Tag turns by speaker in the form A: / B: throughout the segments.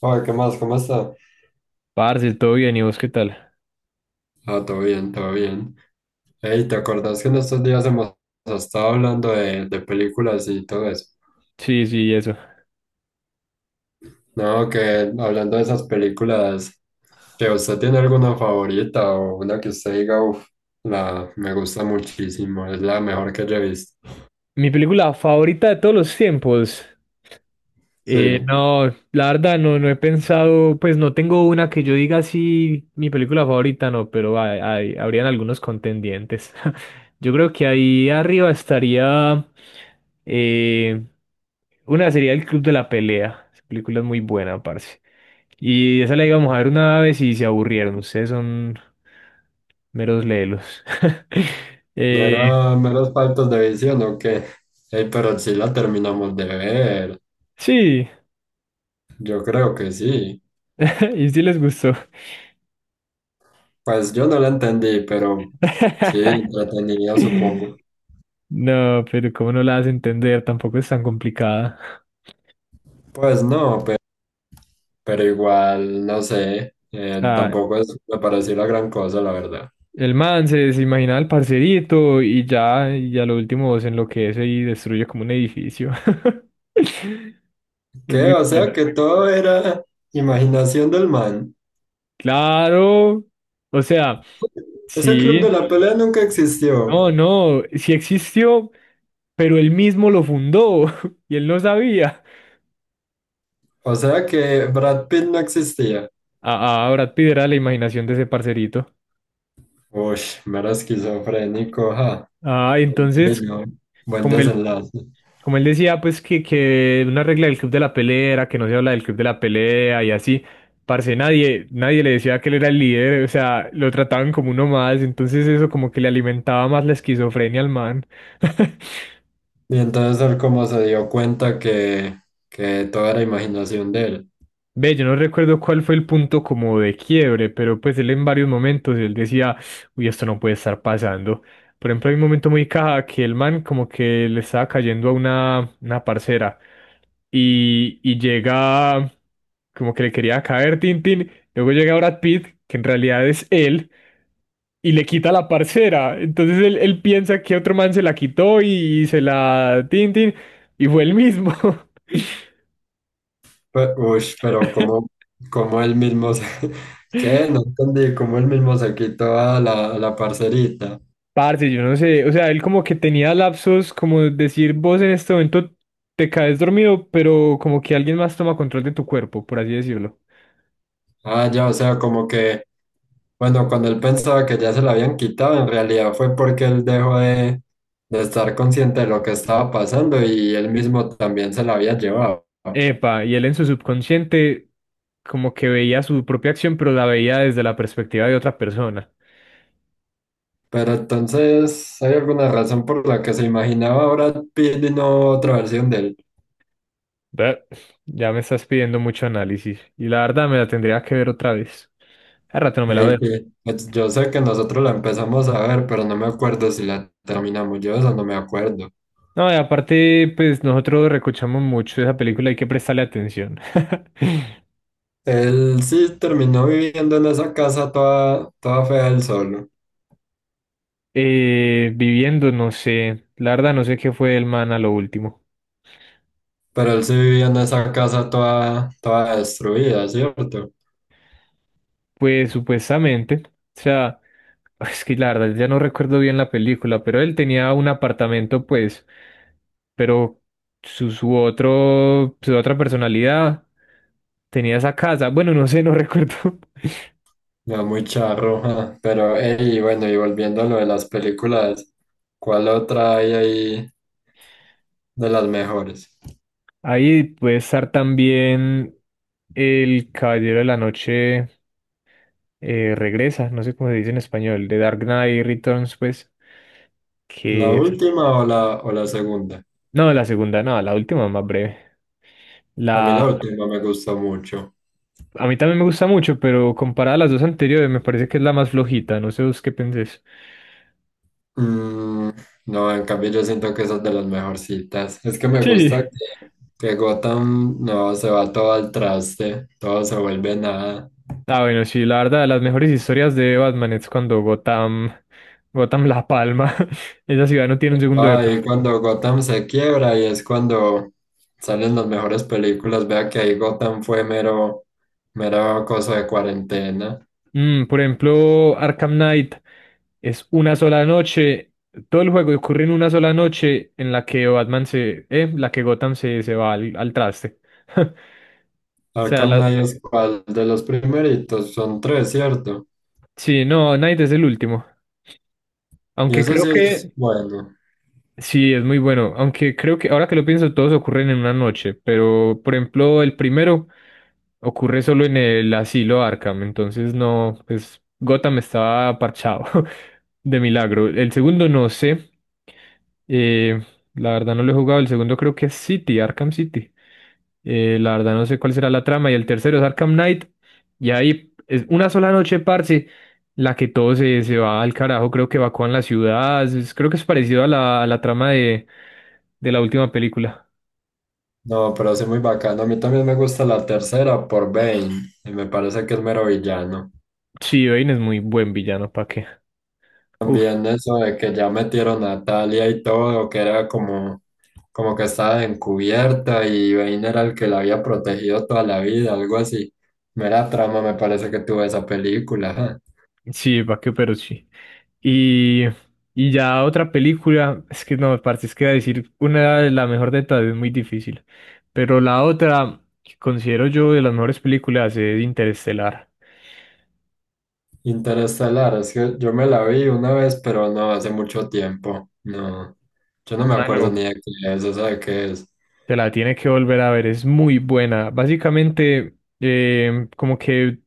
A: Oye, ¿qué más? ¿Cómo está?
B: Parce, todo bien, ¿y vos qué tal?
A: Ah, todo bien, todo bien. Ey, ¿te acordás que en estos días hemos estado hablando de películas y todo eso?
B: Sí, sí, eso.
A: No, que hablando de esas películas, que usted tiene alguna favorita o una que usted diga, uff, la me gusta muchísimo, es la mejor que yo he visto.
B: Mi película favorita de todos los tiempos. Eh,
A: Sí,
B: no, la verdad no he pensado, pues no tengo una que yo diga así, mi película favorita, no, pero habrían algunos contendientes. Yo creo que ahí arriba estaría, eh, una sería El Club de la Pelea. Esa película es muy buena, parce. Y esa la íbamos a ver una vez y se aburrieron. Ustedes son meros lelos. Eh,
A: mera, meros faltos de visión o qué. Ey, pero sí la terminamos de ver,
B: sí.
A: yo creo que sí.
B: Y sí les gustó.
A: Pues yo no la entendí, pero sí, entretenida, supongo.
B: No, pero cómo no la hace entender, tampoco es tan complicada.
A: Pues no, pero igual, no sé,
B: O sea,
A: tampoco es, me pareció la gran cosa, la verdad.
B: el se imaginaba el parcerito y ya, y a lo último se enloquece y destruye como un edificio. Es
A: ¿Qué?
B: muy
A: O
B: buena.
A: sea, que todo era imaginación del man.
B: Claro. O sea,
A: Ese club
B: sí.
A: de la pelea nunca existió.
B: No, no, sí existió, pero él mismo lo fundó y él no sabía.
A: O sea que Brad Pitt no existía.
B: Brad Pitt era la imaginación de ese parcerito.
A: Uy, mero esquizofrénico, ja.
B: Ah,
A: Ay,
B: entonces,
A: no, buen
B: como él,
A: desenlace.
B: como él decía, pues que una regla del club de la pelea era que no se habla del club de la pelea y así, parce, nadie le decía que él era el líder, o sea, lo trataban como uno más, entonces eso como que le alimentaba más la esquizofrenia al man.
A: Y entonces él como se dio cuenta que todo era imaginación de él.
B: Ve, yo no recuerdo cuál fue el punto como de quiebre, pero pues él en varios momentos él decía, uy, esto no puede estar pasando. Por ejemplo, hay un momento muy caja que el man como que le estaba cayendo a una parcera y llega como que le quería caer Tintín, luego llega Brad Pitt, que en realidad es él, y le quita la parcera. Entonces él piensa que otro man se la quitó y, se la Tintín, y fue él mismo.
A: Pero como, como él mismo se... ¿Qué? No entendí, como él mismo se quitó a a la parcerita.
B: Parce, yo no sé, o sea, él como que tenía lapsos, como decir, vos en este momento te caes dormido, pero como que alguien más toma control de tu cuerpo, por así decirlo.
A: Ah, ya, o sea, como que, bueno, cuando él pensaba que ya se la habían quitado, en realidad fue porque él dejó de estar consciente de lo que estaba pasando y él mismo también se la había llevado.
B: Epa, y él en su subconsciente como que veía su propia acción, pero la veía desde la perspectiva de otra persona.
A: Pero entonces, ¿hay alguna razón por la que se imaginaba ahora Pitt y no otra versión de él?
B: Ve, ya me estás pidiendo mucho análisis, y la verdad me la tendría que ver otra vez. Hace rato no me la
A: Ey,
B: veo.
A: sí. Yo sé que nosotros la empezamos a ver, pero no me acuerdo si la terminamos. Yo de eso no me acuerdo.
B: No, y aparte, pues nosotros recochamos mucho esa película, hay que prestarle atención.
A: Él sí terminó viviendo en esa casa toda, toda fea él solo,
B: Viviendo, no sé, la verdad no sé qué fue el man a lo último.
A: pero él sí vivía en esa casa toda, toda destruida, ¿cierto?
B: Pues supuestamente, o sea, es que la verdad ya no recuerdo bien la película, pero él tenía un apartamento, pues, pero su su otra personalidad tenía esa casa. Bueno, no sé, no recuerdo.
A: Ya muy charro, ja. Pero, ey, bueno, y volviendo a lo de las películas, ¿cuál otra hay ahí de las mejores?
B: Ahí puede estar también El Caballero de la Noche regresa, no sé cómo se dice en español, The Dark Knight Returns, pues,
A: ¿La
B: que... es-
A: última o o la segunda?
B: No, la segunda, no, la última más breve.
A: A mí la
B: La...
A: última me gustó mucho.
B: A mí también me gusta mucho, pero comparada a las dos anteriores, me parece que es la más flojita, no sé vos qué pensés.
A: Mm, no, en cambio yo siento que esas de las mejorcitas. Es que me
B: Sí.
A: gusta que, que Gotham no se va todo al traste, todo se vuelve nada.
B: Ah, bueno, sí, la verdad, las mejores historias de Batman es cuando Gotham La Palma, esa ciudad no tiene un segundo de...
A: Ahí cuando Gotham se quiebra y es cuando salen las mejores películas. Vea que ahí Gotham fue mero, mero cosa de cuarentena.
B: Mm, por ejemplo, Arkham Knight es una sola noche. Todo el juego ocurre en una sola noche en la que Gotham se va al traste. O sea,
A: Arkham
B: la-
A: Knight es cual de los primeritos, son tres, ¿cierto?
B: sí, no, Knight es el último.
A: Y
B: Aunque
A: eso
B: creo
A: sí es
B: que
A: bueno.
B: sí, es muy bueno, aunque creo que ahora que lo pienso todos ocurren en una noche, pero por ejemplo el primero ocurre solo en el asilo Arkham, entonces no, pues Gotham estaba parchado de milagro. El segundo no sé, eh, la verdad no lo he jugado, el segundo creo que es City, Arkham City. La verdad no sé cuál será la trama y el tercero es Arkham Knight y ahí es una sola noche, parce, la que todo se va al carajo, creo que evacúan la ciudad, es- creo que es parecido a a la trama de la última película.
A: No, pero sí muy bacano. A mí también me gusta la tercera por Bane, y me parece que es mero villano.
B: Sí, Bane es muy buen villano, ¿pa qué? Uf,
A: También eso de que ya metieron a Talia y todo, que era como, como que estaba encubierta y Bane era el que la había protegido toda la vida, algo así. Mera trama me parece que tuvo esa película. Ajá.
B: sí, ¿pa qué? Pero sí. Y, y ya otra película, es que no, parce, es que decir una de la mejor de todas es muy difícil, pero la otra que considero yo de las mejores películas es Interestelar.
A: Interestelar, es que yo me la vi una vez, pero no hace mucho tiempo. No, yo no me acuerdo
B: Mano,
A: ni de qué es, o sea, de qué es.
B: te la tienes que volver a ver, es muy buena. Básicamente, como que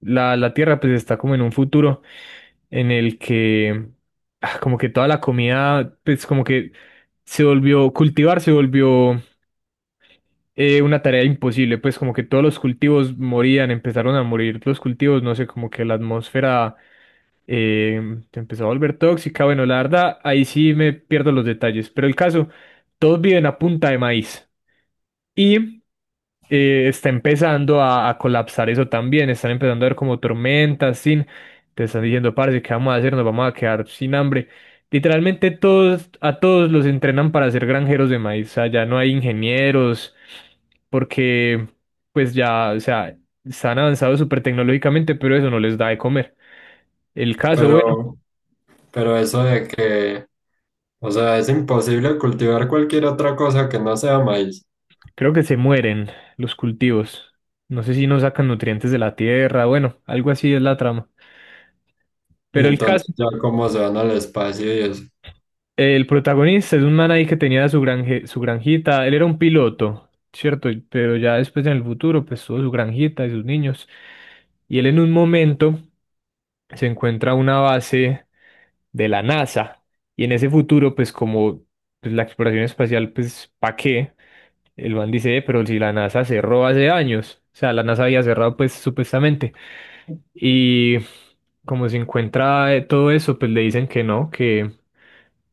B: la Tierra pues está como en un futuro en el que ah, como que toda la comida pues como que se volvió, cultivar se volvió una tarea imposible, pues como que todos los cultivos morían, empezaron a morir los cultivos, no sé, como que la atmósfera se empezó a volver tóxica. Bueno, la verdad, ahí sí me pierdo los detalles, pero el caso, todos viven a punta de maíz. Y está empezando a colapsar eso también, están empezando a ver como tormentas, sin, te están diciendo, parce, ¿qué vamos a hacer? Nos vamos a quedar sin hambre. Literalmente todos, a todos los entrenan para ser granjeros de maíz, o sea, ya no hay ingenieros, porque pues ya, o sea, están avanzados súper tecnológicamente, pero eso no les da de comer. El caso, bueno,
A: Pero, pero eso de que... O sea, es imposible cultivar cualquier otra cosa que no sea maíz.
B: creo que se mueren los cultivos. No sé si no sacan nutrientes de la tierra, bueno, algo así es la trama.
A: Y
B: Pero el caso...
A: entonces ya cómo se van al espacio y eso.
B: El protagonista es un man ahí que tenía su su granjita. Él era un piloto, ¿cierto? Y- pero ya después en el futuro, pues tuvo su granjita y sus niños. Y él en un momento se encuentra una base de la NASA. Y en ese futuro, pues como pues, la exploración espacial, pues ¿pa' qué? El man dice, pero si la NASA cerró hace años". O sea, la NASA había cerrado, pues supuestamente. Y como se encuentra todo eso, pues le dicen que no,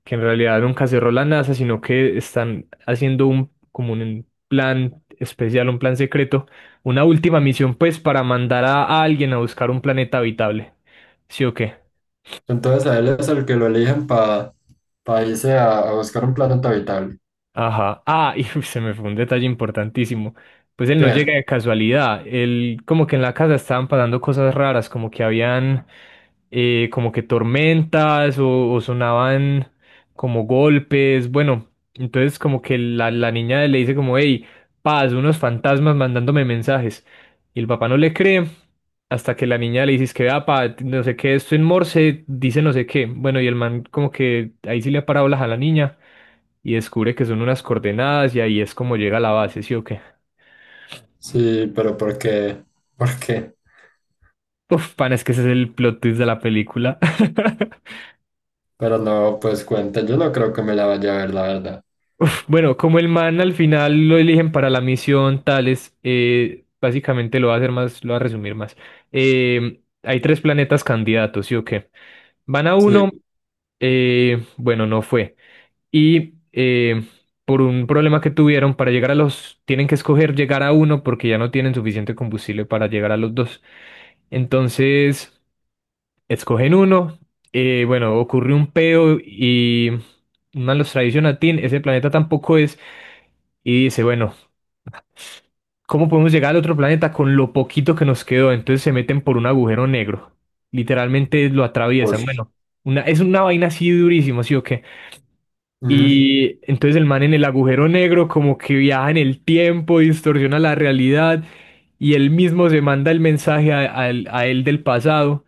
B: que en realidad nunca cerró la NASA, sino que están haciendo como un plan especial, un plan secreto, una última misión pues para mandar a alguien a buscar un planeta habitable. ¿Sí o qué?
A: Entonces a él es el que lo eligen para irse a buscar un planeta habitable.
B: Ajá. Ah, y se me fue un detalle importantísimo. Pues él no
A: ¿Qué?
B: llega de casualidad. Él como que en la casa estaban pasando cosas raras, como que habían como que tormentas o sonaban como golpes, bueno, entonces como que la niña le dice como, hey, paz, unos fantasmas mandándome mensajes. Y el papá no le cree hasta que la niña le dice es que, "Ah, pa, no sé qué, esto en Morse dice no sé qué". Bueno, y el man como que ahí sí le ha parado a la niña y descubre que son unas coordenadas y ahí es como llega a la base, ¿sí o qué?
A: Sí, pero ¿por qué? ¿Por qué?
B: Uf, pan, es que ese es el plot twist de la película.
A: Pero no, pues cuenta, yo no creo que me la vaya a ver, la verdad.
B: Uf, bueno, como el man al final lo eligen para la misión tales, básicamente lo va a hacer más, lo va a resumir más. Hay tres planetas candidatos, ¿sí o qué? Van a
A: Sí,
B: uno, bueno, no fue. Y por un problema que tuvieron para llegar a los, tienen que escoger llegar a uno porque ya no tienen suficiente combustible para llegar a los dos. Entonces, escogen uno, bueno, ocurre un peo y... Más los traiciona a Tin, ese planeta tampoco es, y dice, bueno, ¿cómo podemos llegar al otro planeta con lo poquito que nos quedó? Entonces se meten por un agujero negro. Literalmente lo atraviesan.
A: uy.
B: Bueno, es una vaina así durísima, ¿sí o qué?
A: Ujú.
B: Y entonces el man en el agujero negro como que viaja en el tiempo, distorsiona la realidad y él mismo se manda el mensaje a él del pasado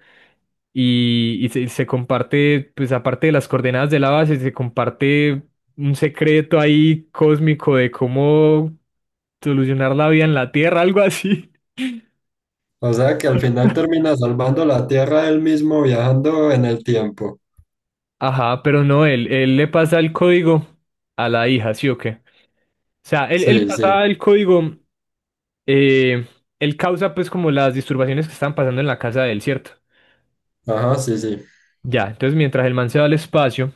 B: y se comparte, pues aparte de las coordenadas de la base, se comparte un secreto ahí cósmico de cómo solucionar la vida en la Tierra, algo así.
A: O sea que al final termina salvando la Tierra él mismo viajando en el tiempo.
B: Ajá, pero no, él le pasa el código a la hija, ¿sí o qué? O sea, él
A: Sí,
B: pasa
A: sí.
B: el código, eh, él causa pues como las disturbaciones que estaban pasando en la casa de él, ¿cierto?
A: Ajá, sí, sí.
B: Ya, entonces mientras el man se va al espacio,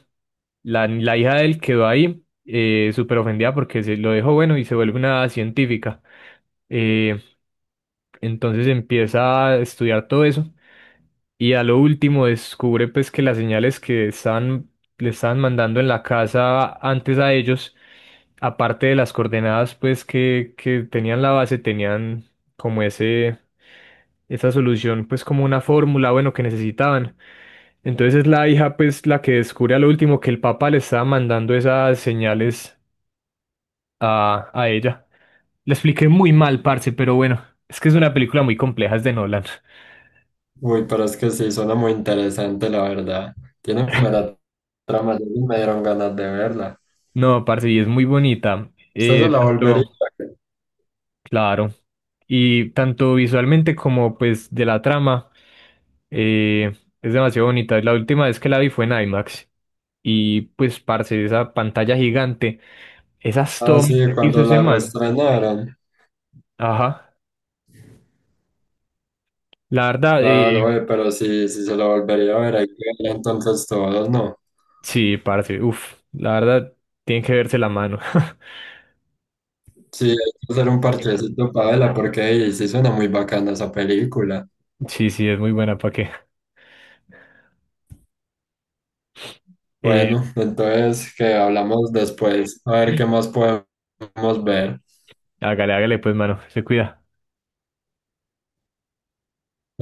B: la hija de él quedó ahí, súper ofendida porque se lo dejó bueno y se vuelve una científica. Eh, entonces empieza a estudiar todo eso y a lo último descubre pues que las señales que estaban, le estaban mandando en la casa antes a ellos aparte de las coordenadas pues que tenían la base, tenían como esa solución pues como una fórmula, bueno, que necesitaban. Entonces es la hija pues la que descubre a lo último que el papá le estaba mandando esas señales a ella. Le expliqué muy mal, parce, pero bueno, es que es una película muy compleja, es de Nolan.
A: Uy, pero es que sí, suena muy interesante, la verdad. Tiene buena trama, ya ni me dieron ganas de verla.
B: No, parce, y es muy bonita.
A: ¿Usted se la volvería
B: Tanto,
A: a ver?
B: claro, y tanto visualmente como pues de la trama, eh, es demasiado bonita. La última vez que la vi fue en IMAX. Y pues, parce, esa pantalla gigante, esas
A: Ah,
B: tomas
A: sí,
B: que hizo
A: cuando
B: ese
A: la
B: man.
A: reestrenaron.
B: Ajá. La verdad,
A: Ah, oye, pero sí, sí se la volvería a ver, hay que verla entonces todos, ¿no?
B: sí, parce, uff, la verdad, tiene que verse la mano.
A: Sí, hay que hacer un parchecito para verla, porque ey, sí suena muy bacana esa película.
B: Sí, sí, es muy buena, ¿para qué?
A: Bueno,
B: Eh,
A: entonces que hablamos después, a ver qué más podemos ver.
B: hágale, hágale, pues, mano, se cuida.